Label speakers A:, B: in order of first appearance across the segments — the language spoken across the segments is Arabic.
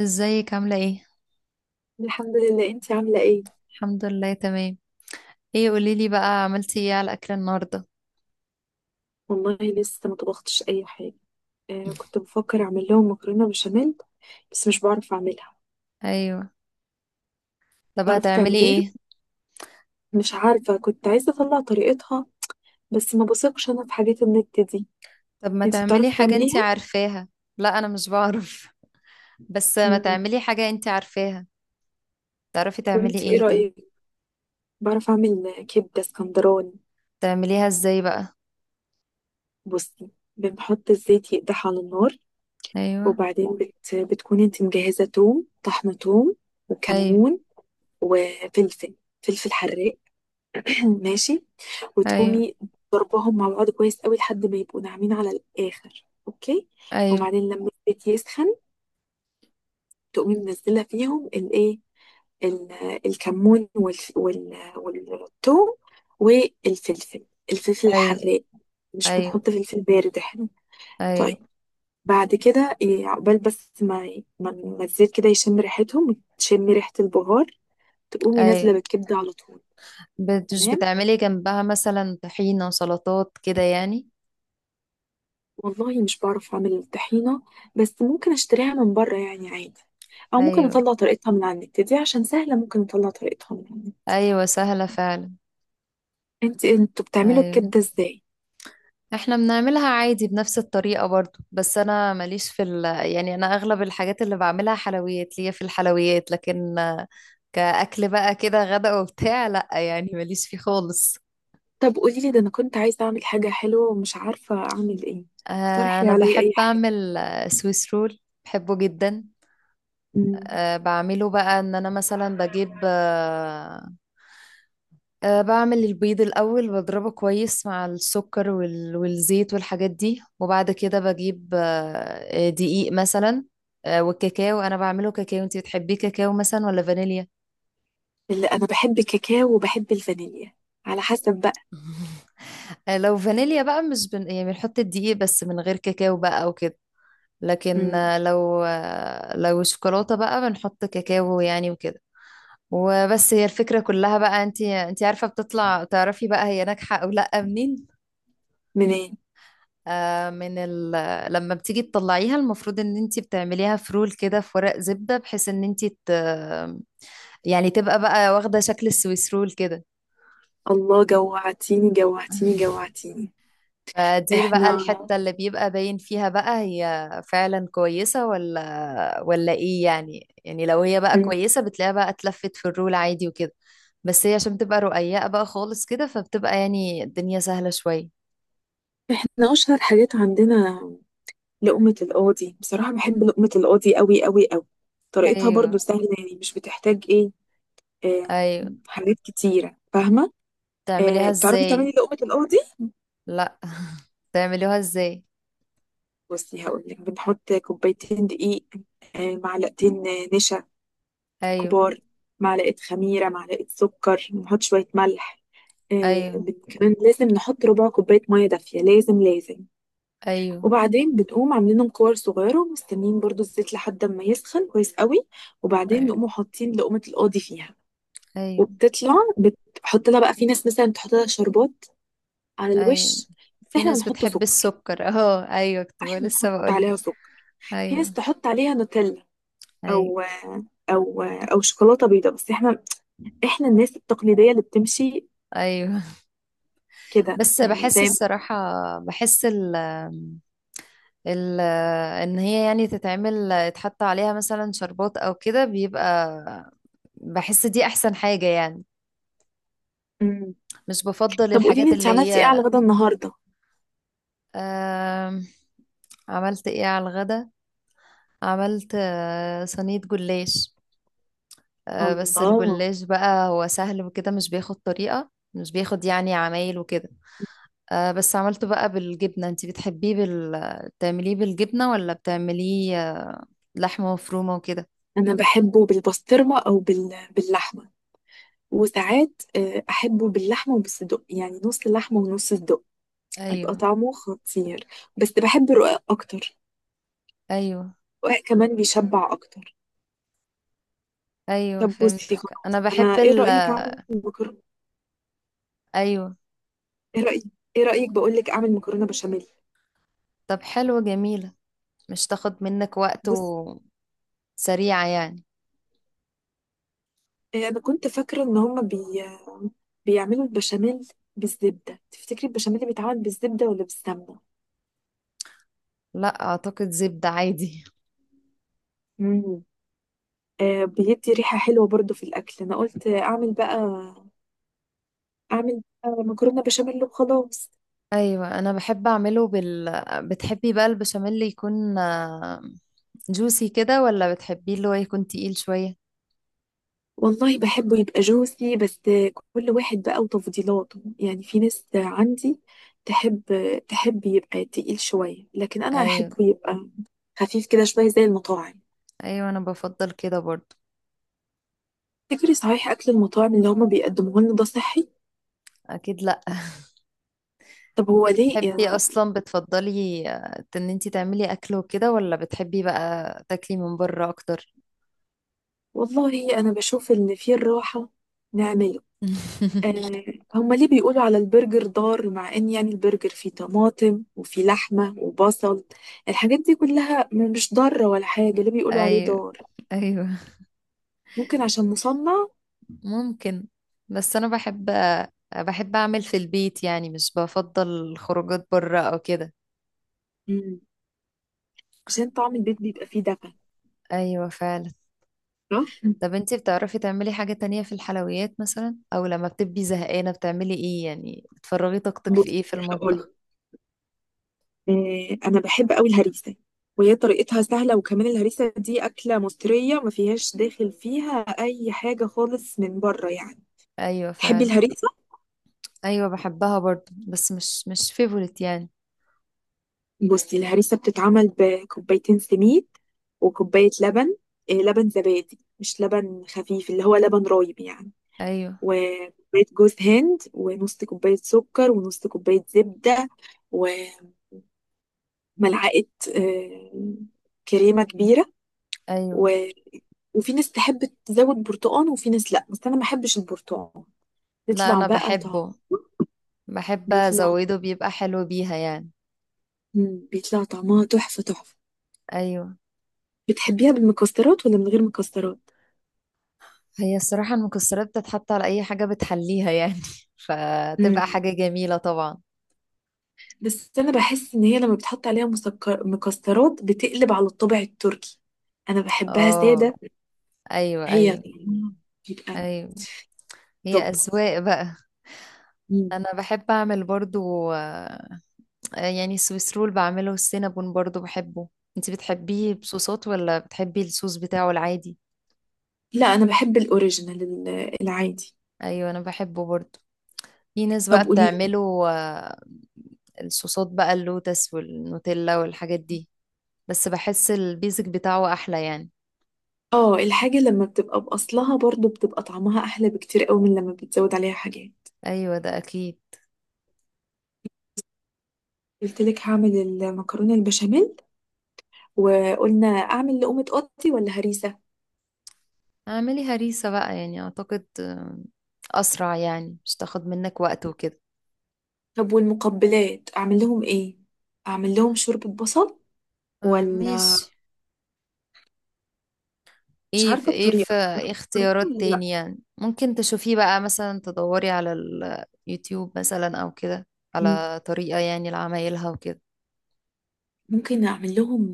A: ازيك عاملة ايه؟
B: الحمد لله، انتي عاملة ايه؟
A: الحمد لله تمام. ايه قوليلي بقى، عملتي ايه على الأكل النهاردة؟
B: والله لسه ما طبختش اي حاجة. كنت بفكر اعمل لهم مكرونة بشاميل، بس مش بعرف اعملها.
A: ايوه. طب
B: تعرفي
A: هتعملي
B: تعمليها؟
A: ايه؟
B: مش عارفة، كنت عايزة اطلع طريقتها، بس ما بثقش انا في حاجات النت دي.
A: طب ما
B: انتي
A: تعملي
B: بتعرفي
A: حاجة انتي
B: تعمليها؟
A: عارفاها. لا أنا مش بعرف. بس ما
B: امم.
A: تعملي حاجة انتي عارفاها. تعرفي
B: طب
A: تعملي
B: انتي ايه
A: ايه طيب؟
B: رأيك؟ بعرف اعمل كبدة اسكندراني.
A: تعمليها ازاي بقى؟
B: بصي، بنحط الزيت يقدح على النار،
A: ايوه.
B: وبعدين بتكون انتي مجهزة توم، طحنة توم،
A: ايوه.
B: وكمون، وفلفل، فلفل حراق، ماشي،
A: ايوه.
B: وتقومي ضربهم مع بعض كويس قوي لحد ما يبقوا ناعمين على الآخر. اوكي،
A: ايوه.
B: وبعدين لما الزيت يسخن، تقومي منزلة فيهم الايه، ال- الكمون وال والثوم والفلفل، الفلفل
A: ايوه.
B: الحراق. مش
A: ايوه.
B: بنحط فلفل بارد احنا. طيب،
A: ايوه.
B: بعد كده إيه، عقبال بس ما الزيت كده يشم ريحتهم وتشمي ريحة البهار، تقومي نازلة
A: ايوه.
B: بالكبدة على طول.
A: مش
B: تمام،
A: بتعملي جنبها مثلا طحينة سلطات كده يعني؟
B: والله مش بعرف اعمل الطحينة، بس ممكن اشتريها من بره يعني عادي، او ممكن
A: ايوه.
B: اطلع طريقتها من على النت دي عشان سهلة، ممكن اطلع طريقتها من على النت.
A: ايوه سهلة فعلا.
B: انت انتوا بتعملوا
A: ايوه
B: الكبدة ازاي؟
A: احنا بنعملها عادي بنفس الطريقة برضو، بس انا ماليش في يعني انا اغلب الحاجات اللي بعملها حلويات، ليا في الحلويات، لكن كأكل بقى كده غدا وبتاع. لا يعني ماليش فيه خالص.
B: طب قولي لي، ده انا كنت عايزة اعمل حاجة حلوة ومش عارفة اعمل ايه، اقترحي
A: انا
B: عليا
A: بحب
B: اي حاجة.
A: اعمل سويس رول. بحبه جدا.
B: امم
A: بعمله بقى ان انا مثلا بجيب آه، أه بعمل البيض الأول بضربه كويس مع السكر والزيت والحاجات دي، وبعد كده بجيب دقيق مثلا. والكاكاو أنا بعمله كاكاو. أنتي بتحبيه كاكاو مثلا ولا فانيليا؟
B: اللي انا بحب الكاكاو وبحب الفانيليا، على حسب بقى.
A: لو فانيليا بقى مش يعني بنحط الدقيق بس من غير كاكاو بقى وكده. لكن
B: امم.
A: لو شوكولاتة بقى بنحط كاكاو يعني وكده. وبس هي الفكرة كلها بقى، انتي عارفة بتطلع تعرفي بقى هي ناجحة او لا منين.
B: منين.
A: آه، من ال... لما بتيجي تطلعيها المفروض ان انت بتعمليها فرول كده في ورق زبدة، بحيث ان انت يعني تبقى بقى واخدة شكل السويس رول كده.
B: الله، جوعتيني جوعتيني جوعتيني.
A: فدي بقى
B: احنا
A: الحتة اللي بيبقى باين فيها بقى هي فعلا كويسة ولا ايه يعني. يعني لو هي بقى
B: مم.
A: كويسة بتلاقيها بقى اتلفت في الرول عادي وكده. بس هي عشان بتبقى رقيقة بقى خالص كده، فبتبقى يعني الدنيا سهلة شوية.
B: احنا اشهر حاجات عندنا لقمة القاضي، بصراحة بحب لقمة القاضي قوي قوي قوي. طريقتها
A: ايوه.
B: برضو سهلة يعني، مش بتحتاج ايه، آه
A: ايوه.
B: حاجات كتيرة، فاهمة.
A: تعمليها
B: بتعرفي تعملي
A: ازاي؟
B: لقمة القاضي؟
A: لا. تعمليها ازاي؟
B: بصي هقولك، بنحط كوبايتين دقيق، معلقتين نشا
A: ايوه.
B: كبار، معلقة خميرة، معلقة سكر، نحط شوية ملح،
A: ايوه.
B: كمان لازم نحط ربع كوباية مية دافية، لازم لازم.
A: ايوه.
B: وبعدين بنقوم عاملينهم كور صغيرة ومستنيين برضو الزيت لحد ما يسخن كويس قوي، وبعدين
A: أيوة.
B: نقوم حاطين لقمة القاضي فيها.
A: ايوه.
B: وبتطلع بتحط لها بقى، في ناس مثلا بتحط لها شربات على
A: ايوه.
B: الوش، بس
A: في
B: احنا
A: ناس
B: بنحط
A: بتحب
B: سكر،
A: السكر اهو. ايوه
B: احنا
A: لسه
B: بنحط
A: بقول.
B: عليها سكر. في ناس
A: ايوه.
B: تحط عليها نوتيلا،
A: ايوه.
B: او او شوكولاتة بيضاء، بس احنا، احنا الناس التقليدية اللي بتمشي
A: ايوه.
B: كده
A: بس
B: يعني،
A: بحس
B: زي.
A: الصراحه، بحس ال ال ان هي يعني تتعمل، يتحط عليها مثلا شربات او كده، بيبقى، بحس دي احسن حاجه يعني.
B: مم.
A: مش بفضل
B: طب قولي لي
A: الحاجات
B: انت
A: اللي
B: عملتي ايه على
A: هي.
B: غدا النهاردة؟
A: آم، عملت ايه على الغدا. عملت صينيه جلاش. بس
B: الله،
A: الجلاش بقى هو سهل وكده، مش بياخد طريقة، مش بياخد يعني عمايل وكده. بس عملته بقى بالجبنة. انتي بتحبيه بتعمليه بالجبنة ولا بتعمليه لحمة مفرومة وكده.
B: انا بحبه بالبسطرمة او باللحمة، وساعات أحبه باللحمة وبالصدق، يعني نص لحمة ونص صدق، بيبقى
A: ايوه.
B: طعمه خطير. بس بحب الرقاق أكتر،
A: ايوه.
B: الرقاق كمان بيشبع أكتر.
A: ايوه
B: طب بصي،
A: فهمتك. انا
B: خلاص
A: بحب
B: أنا إيه رأيك أعمل مكرونة؟
A: ايوه.
B: إيه رأيك؟ إيه رأيك بقولك أعمل مكرونة بشاميل؟
A: طب حلوة جميلة. مش تاخد منك وقت،
B: بص،
A: وسريعة يعني.
B: أنا كنت فاكرة إن هما بيعملوا البشاميل بالزبدة. تفتكري البشاميل بيتعمل بالزبدة ولا بالسمنة؟
A: لا اعتقد زبدة عادي.
B: مم. بيدي ريحة حلوة برضو في الأكل. أنا قلت أعمل بقى مكرونة بشاميل وخلاص.
A: ايوه انا بحب اعمله بتحبي بقى البشاميل يكون جوسي كده، ولا بتحبيه اللي هو يكون تقيل شوية؟
B: والله بحبه يبقى جوسي، بس كل واحد بقى وتفضيلاته، يعني في ناس عندي تحب تحب يبقى تقيل شوية، لكن أنا
A: ايوه.
B: أحبه يبقى خفيف كده شوية زي المطاعم.
A: ايوه انا بفضل كده برضو.
B: تفتكري صحيح أكل المطاعم اللي هما بيقدموه لنا ده صحي؟
A: اكيد لا.
B: طب هو
A: انتي
B: ليه
A: بتحبي اصلا، بتفضلي ان انتي تعملي اكل وكده، ولا بتحبي بقى تاكلي من بره اكتر؟
B: والله أنا بشوف إن في الراحة نعمله. آه هما ليه بيقولوا على البرجر ضار، مع إن يعني البرجر فيه طماطم وفيه لحمة وبصل، الحاجات دي كلها مش ضارة ولا حاجة، ليه بيقولوا عليه
A: ايوه.
B: ضار؟
A: ايوه.
B: ممكن عشان مصنع.
A: ممكن. بس انا بحب، اعمل في البيت يعني، مش بفضل خروجات بره او كده.
B: مم. عشان طعم البيت بيبقى فيه دفى،
A: ايوه فعلا.
B: صح.
A: طب انتي بتعرفي تعملي حاجة تانية في الحلويات مثلا، او لما بتبقي زهقانة بتعملي ايه يعني، بتفرغي طاقتك في
B: بص،
A: ايه في
B: هقول،
A: المطبخ؟
B: انا بحب قوي الهريسه، وهي طريقتها سهله، وكمان الهريسه دي اكله مصريه، ما فيهاش داخل فيها اي حاجه خالص من بره يعني.
A: ايوه
B: تحبي
A: فعلا.
B: الهريسه؟
A: ايوه بحبها برضو بس مش فيفورت يعني.
B: بصي الهريسه بتتعمل بكوبايتين سميد، وكوبايه لبن، لبن زبادي، مش لبن خفيف، اللي هو لبن رايب يعني،
A: ايوه.
B: وكوباية جوز هند، ونص كوباية سكر، ونص كوباية زبدة، ملعقة آه، كريمة كبيرة، و...
A: ايوه.
B: وفي ناس تحب تزود برتقان، وفي ناس لأ، بس أنا ما بحبش البرتقان.
A: لا
B: بيطلع
A: انا
B: بقى طعم
A: بحبه، بحب
B: بيطلع
A: ازوده، بيبقى حلو بيها يعني.
B: مم. بيطلع طعمها تحفة تحفة.
A: ايوه.
B: بتحبيها بالمكسرات ولا من غير مكسرات؟
A: هي الصراحة المكسرات بتتحط على اي حاجة بتحليها يعني.
B: مم.
A: فتبقى حاجة جميلة طبعا.
B: بس أنا بحس إن هي لما بتحط عليها مكسرات، بتقلب على الطابع التركي، أنا بحبها
A: اه.
B: سادة.
A: ايوه.
B: هي
A: ايوه.
B: طعمها بيبقى
A: ايوه. هي
B: توب.
A: اذواق بقى.
B: مم.
A: انا بحب اعمل برضو يعني السويس رول بعمله، والسينابون برضو بحبه. انت بتحبيه بصوصات ولا بتحبي الصوص بتاعه العادي؟
B: لا أنا بحب الأوريجينال العادي.
A: ايوه انا بحبه برضو. في ناس بقى
B: طب قولي،
A: بتعمله الصوصات بقى اللوتس والنوتيلا والحاجات دي. بس بحس البيزك بتاعه احلى يعني.
B: اه الحاجة لما بتبقى بأصلها برضو بتبقى طعمها أحلى بكتير قوي من لما بتزود عليها حاجات.
A: ايوه ده اكيد.
B: قلت لك هعمل المكرونة البشاميل، وقلنا أعمل لقومة قطي ولا هريسة.
A: اعملي هريسة بقى يعني، اعتقد اسرع يعني، مش تاخد منك وقت وكده.
B: طب والمقبلات أعمل لهم إيه؟ أعمل لهم شوربة بصل ولا؟
A: ماشي.
B: مش
A: ايه في
B: عارفة
A: ايه
B: الطريقة،
A: في
B: عارفة
A: إيه اختيارات
B: الطريقة ولا لأ.
A: تانية ممكن تشوفيه بقى، مثلا تدوري على اليوتيوب مثلا او كده،
B: مم.
A: على طريقة يعني لعمايلها وكده.
B: ممكن أعمل لهم،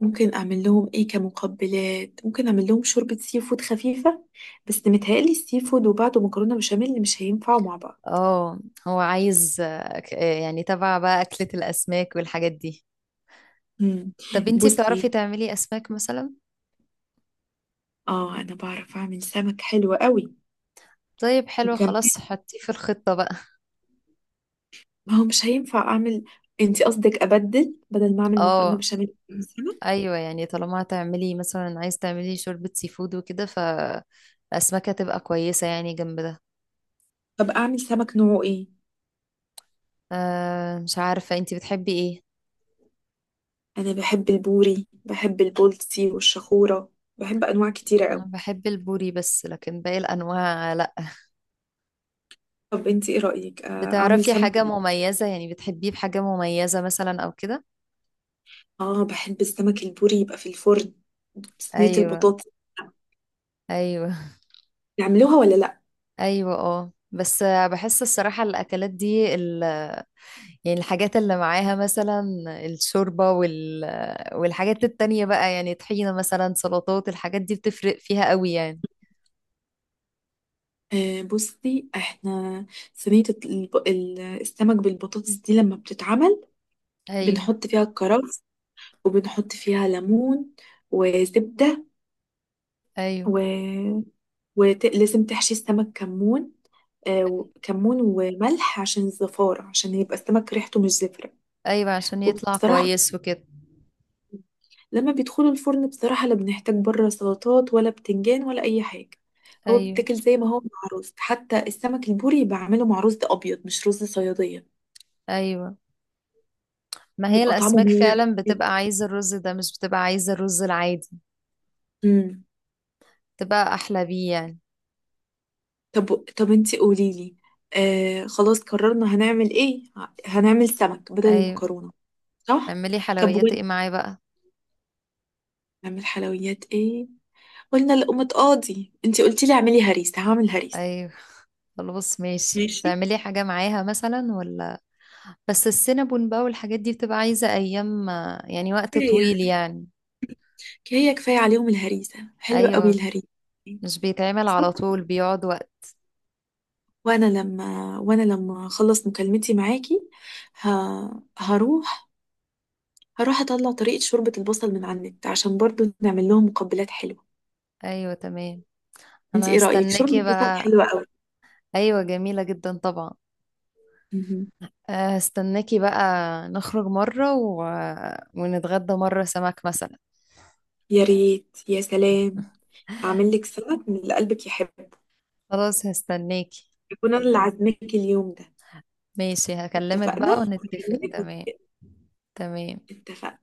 B: ممكن أعمل لهم إيه كمقبلات، ممكن أعمل لهم شوربة سي فود خفيفة، بس متهيألي السي فود وبعده مكرونة بشاميل مش هينفعوا مع بعض.
A: اه، هو عايز يعني تبع بقى أكلة الأسماك والحاجات دي.
B: مم.
A: طب انتي بتعرفي
B: بصي،
A: تعملي أسماك مثلا؟
B: اه انا بعرف اعمل سمك حلو قوي.
A: طيب حلو
B: وكمان،
A: خلاص حطيه في الخطة بقى.
B: ما هو مش هينفع اعمل، انتي قصدك ابدل، بدل ما اعمل مكرونه
A: اه.
B: بشاميل أعمل سمك.
A: ايوه يعني، طالما هتعملي مثلا، عايز تعملي شوربة سي فود وكده، فالأسماك هتبقى كويسة يعني جنب ده.
B: طب اعمل سمك نوعه ايه؟
A: آه مش عارفة انتي بتحبي ايه.
B: انا بحب البوري، بحب البولتي والشخوره، بحب انواع كتيره
A: انا
B: قوي.
A: بحب البوري بس لكن باقي الانواع لا.
B: طب انتي ايه رايك اعمل
A: بتعرفي
B: سمك
A: حاجة
B: إيه؟
A: مميزة يعني، بتحبيه بحاجة مميزة مثلا او كده؟
B: اه بحب السمك البوري يبقى في الفرن، صينيه
A: ايوه.
B: البطاطس،
A: ايوه.
B: نعملوها ولا لا؟
A: ايوه. اه بس بحس الصراحة الاكلات دي يعني الحاجات اللي معاها مثلا، الشوربة والحاجات التانية بقى يعني، طحينة مثلا، سلطات، الحاجات دي بتفرق فيها قوي يعني.
B: بصي، احنا صينيه السمك بالبطاطس دي لما بتتعمل
A: ايوه.
B: بنحط فيها الكرفس، وبنحط فيها ليمون، وزبدة،
A: ايوه.
B: و... ولازم تحشي السمك كمون، كمون وملح عشان الزفارة، عشان يبقى السمك ريحته مش زفرة.
A: ايوه عشان يطلع
B: وبصراحة
A: كويس وكده.
B: لما بيدخلوا الفرن، بصراحة لا بنحتاج بره سلطات ولا بتنجان ولا أي حاجة، هو
A: ايوه.
B: بيتاكل زي ما هو مع رز، حتى السمك البوري بعمله مع رز أبيض، مش رز صيادية.
A: ايوه. ما هي
B: بيبقى طعمه
A: الاسماك
B: مميز
A: فعلا بتبقى عايزة الرز ده، مش بتبقى عايزة الرز العادي.
B: جدا.
A: تبقى احلى بيه يعني.
B: طب طب انتي قوليلي، خلاص قررنا هنعمل ايه. هنعمل سمك بدل
A: ايوه.
B: المكرونة، صح.
A: اعملي
B: طب
A: حلويات
B: وين
A: ايه معاه بقى؟
B: نعمل حلويات ايه؟ قلنا لقمة قاضي، انتي قلتي لي اعملي هريسة، هعمل هريسة
A: ايوه خلاص ماشي،
B: ماشي.
A: تعملي حاجة معاها مثلا ولا؟ بس السينابون بقى والحاجات دي بتبقى عايزة ايام يعني، وقت
B: كفاية
A: طويل يعني.
B: كفاية كفاية عليهم، الهريسة حلوة قوي
A: ايوه
B: الهريسة،
A: مش بيتعمل
B: صح.
A: على طول، بيقعد وقت.
B: وانا لما اخلص مكالمتي معاكي، ه... هروح هروح اطلع طريقة شوربة البصل من على النت عشان برضو نعمل لهم مقبلات حلوة.
A: ايوه تمام.
B: انتي
A: انا
B: ايه رأيك شوربة
A: هستناكي
B: البصل
A: بقى.
B: حلوة قوي؟
A: ايوه جميلة جدا طبعا.
B: مهم.
A: هستناكي بقى. نخرج مرة ونتغدى مرة سمك مثلا.
B: يا ريت يا سلام، هعمل لك سلطة من اللي قلبك يحبه،
A: خلاص هستناكي.
B: أكون أنا اللي عازماك اليوم ده.
A: ماشي هكلمك
B: اتفقنا؟
A: بقى ونتفق. تمام. تمام
B: اتفقنا.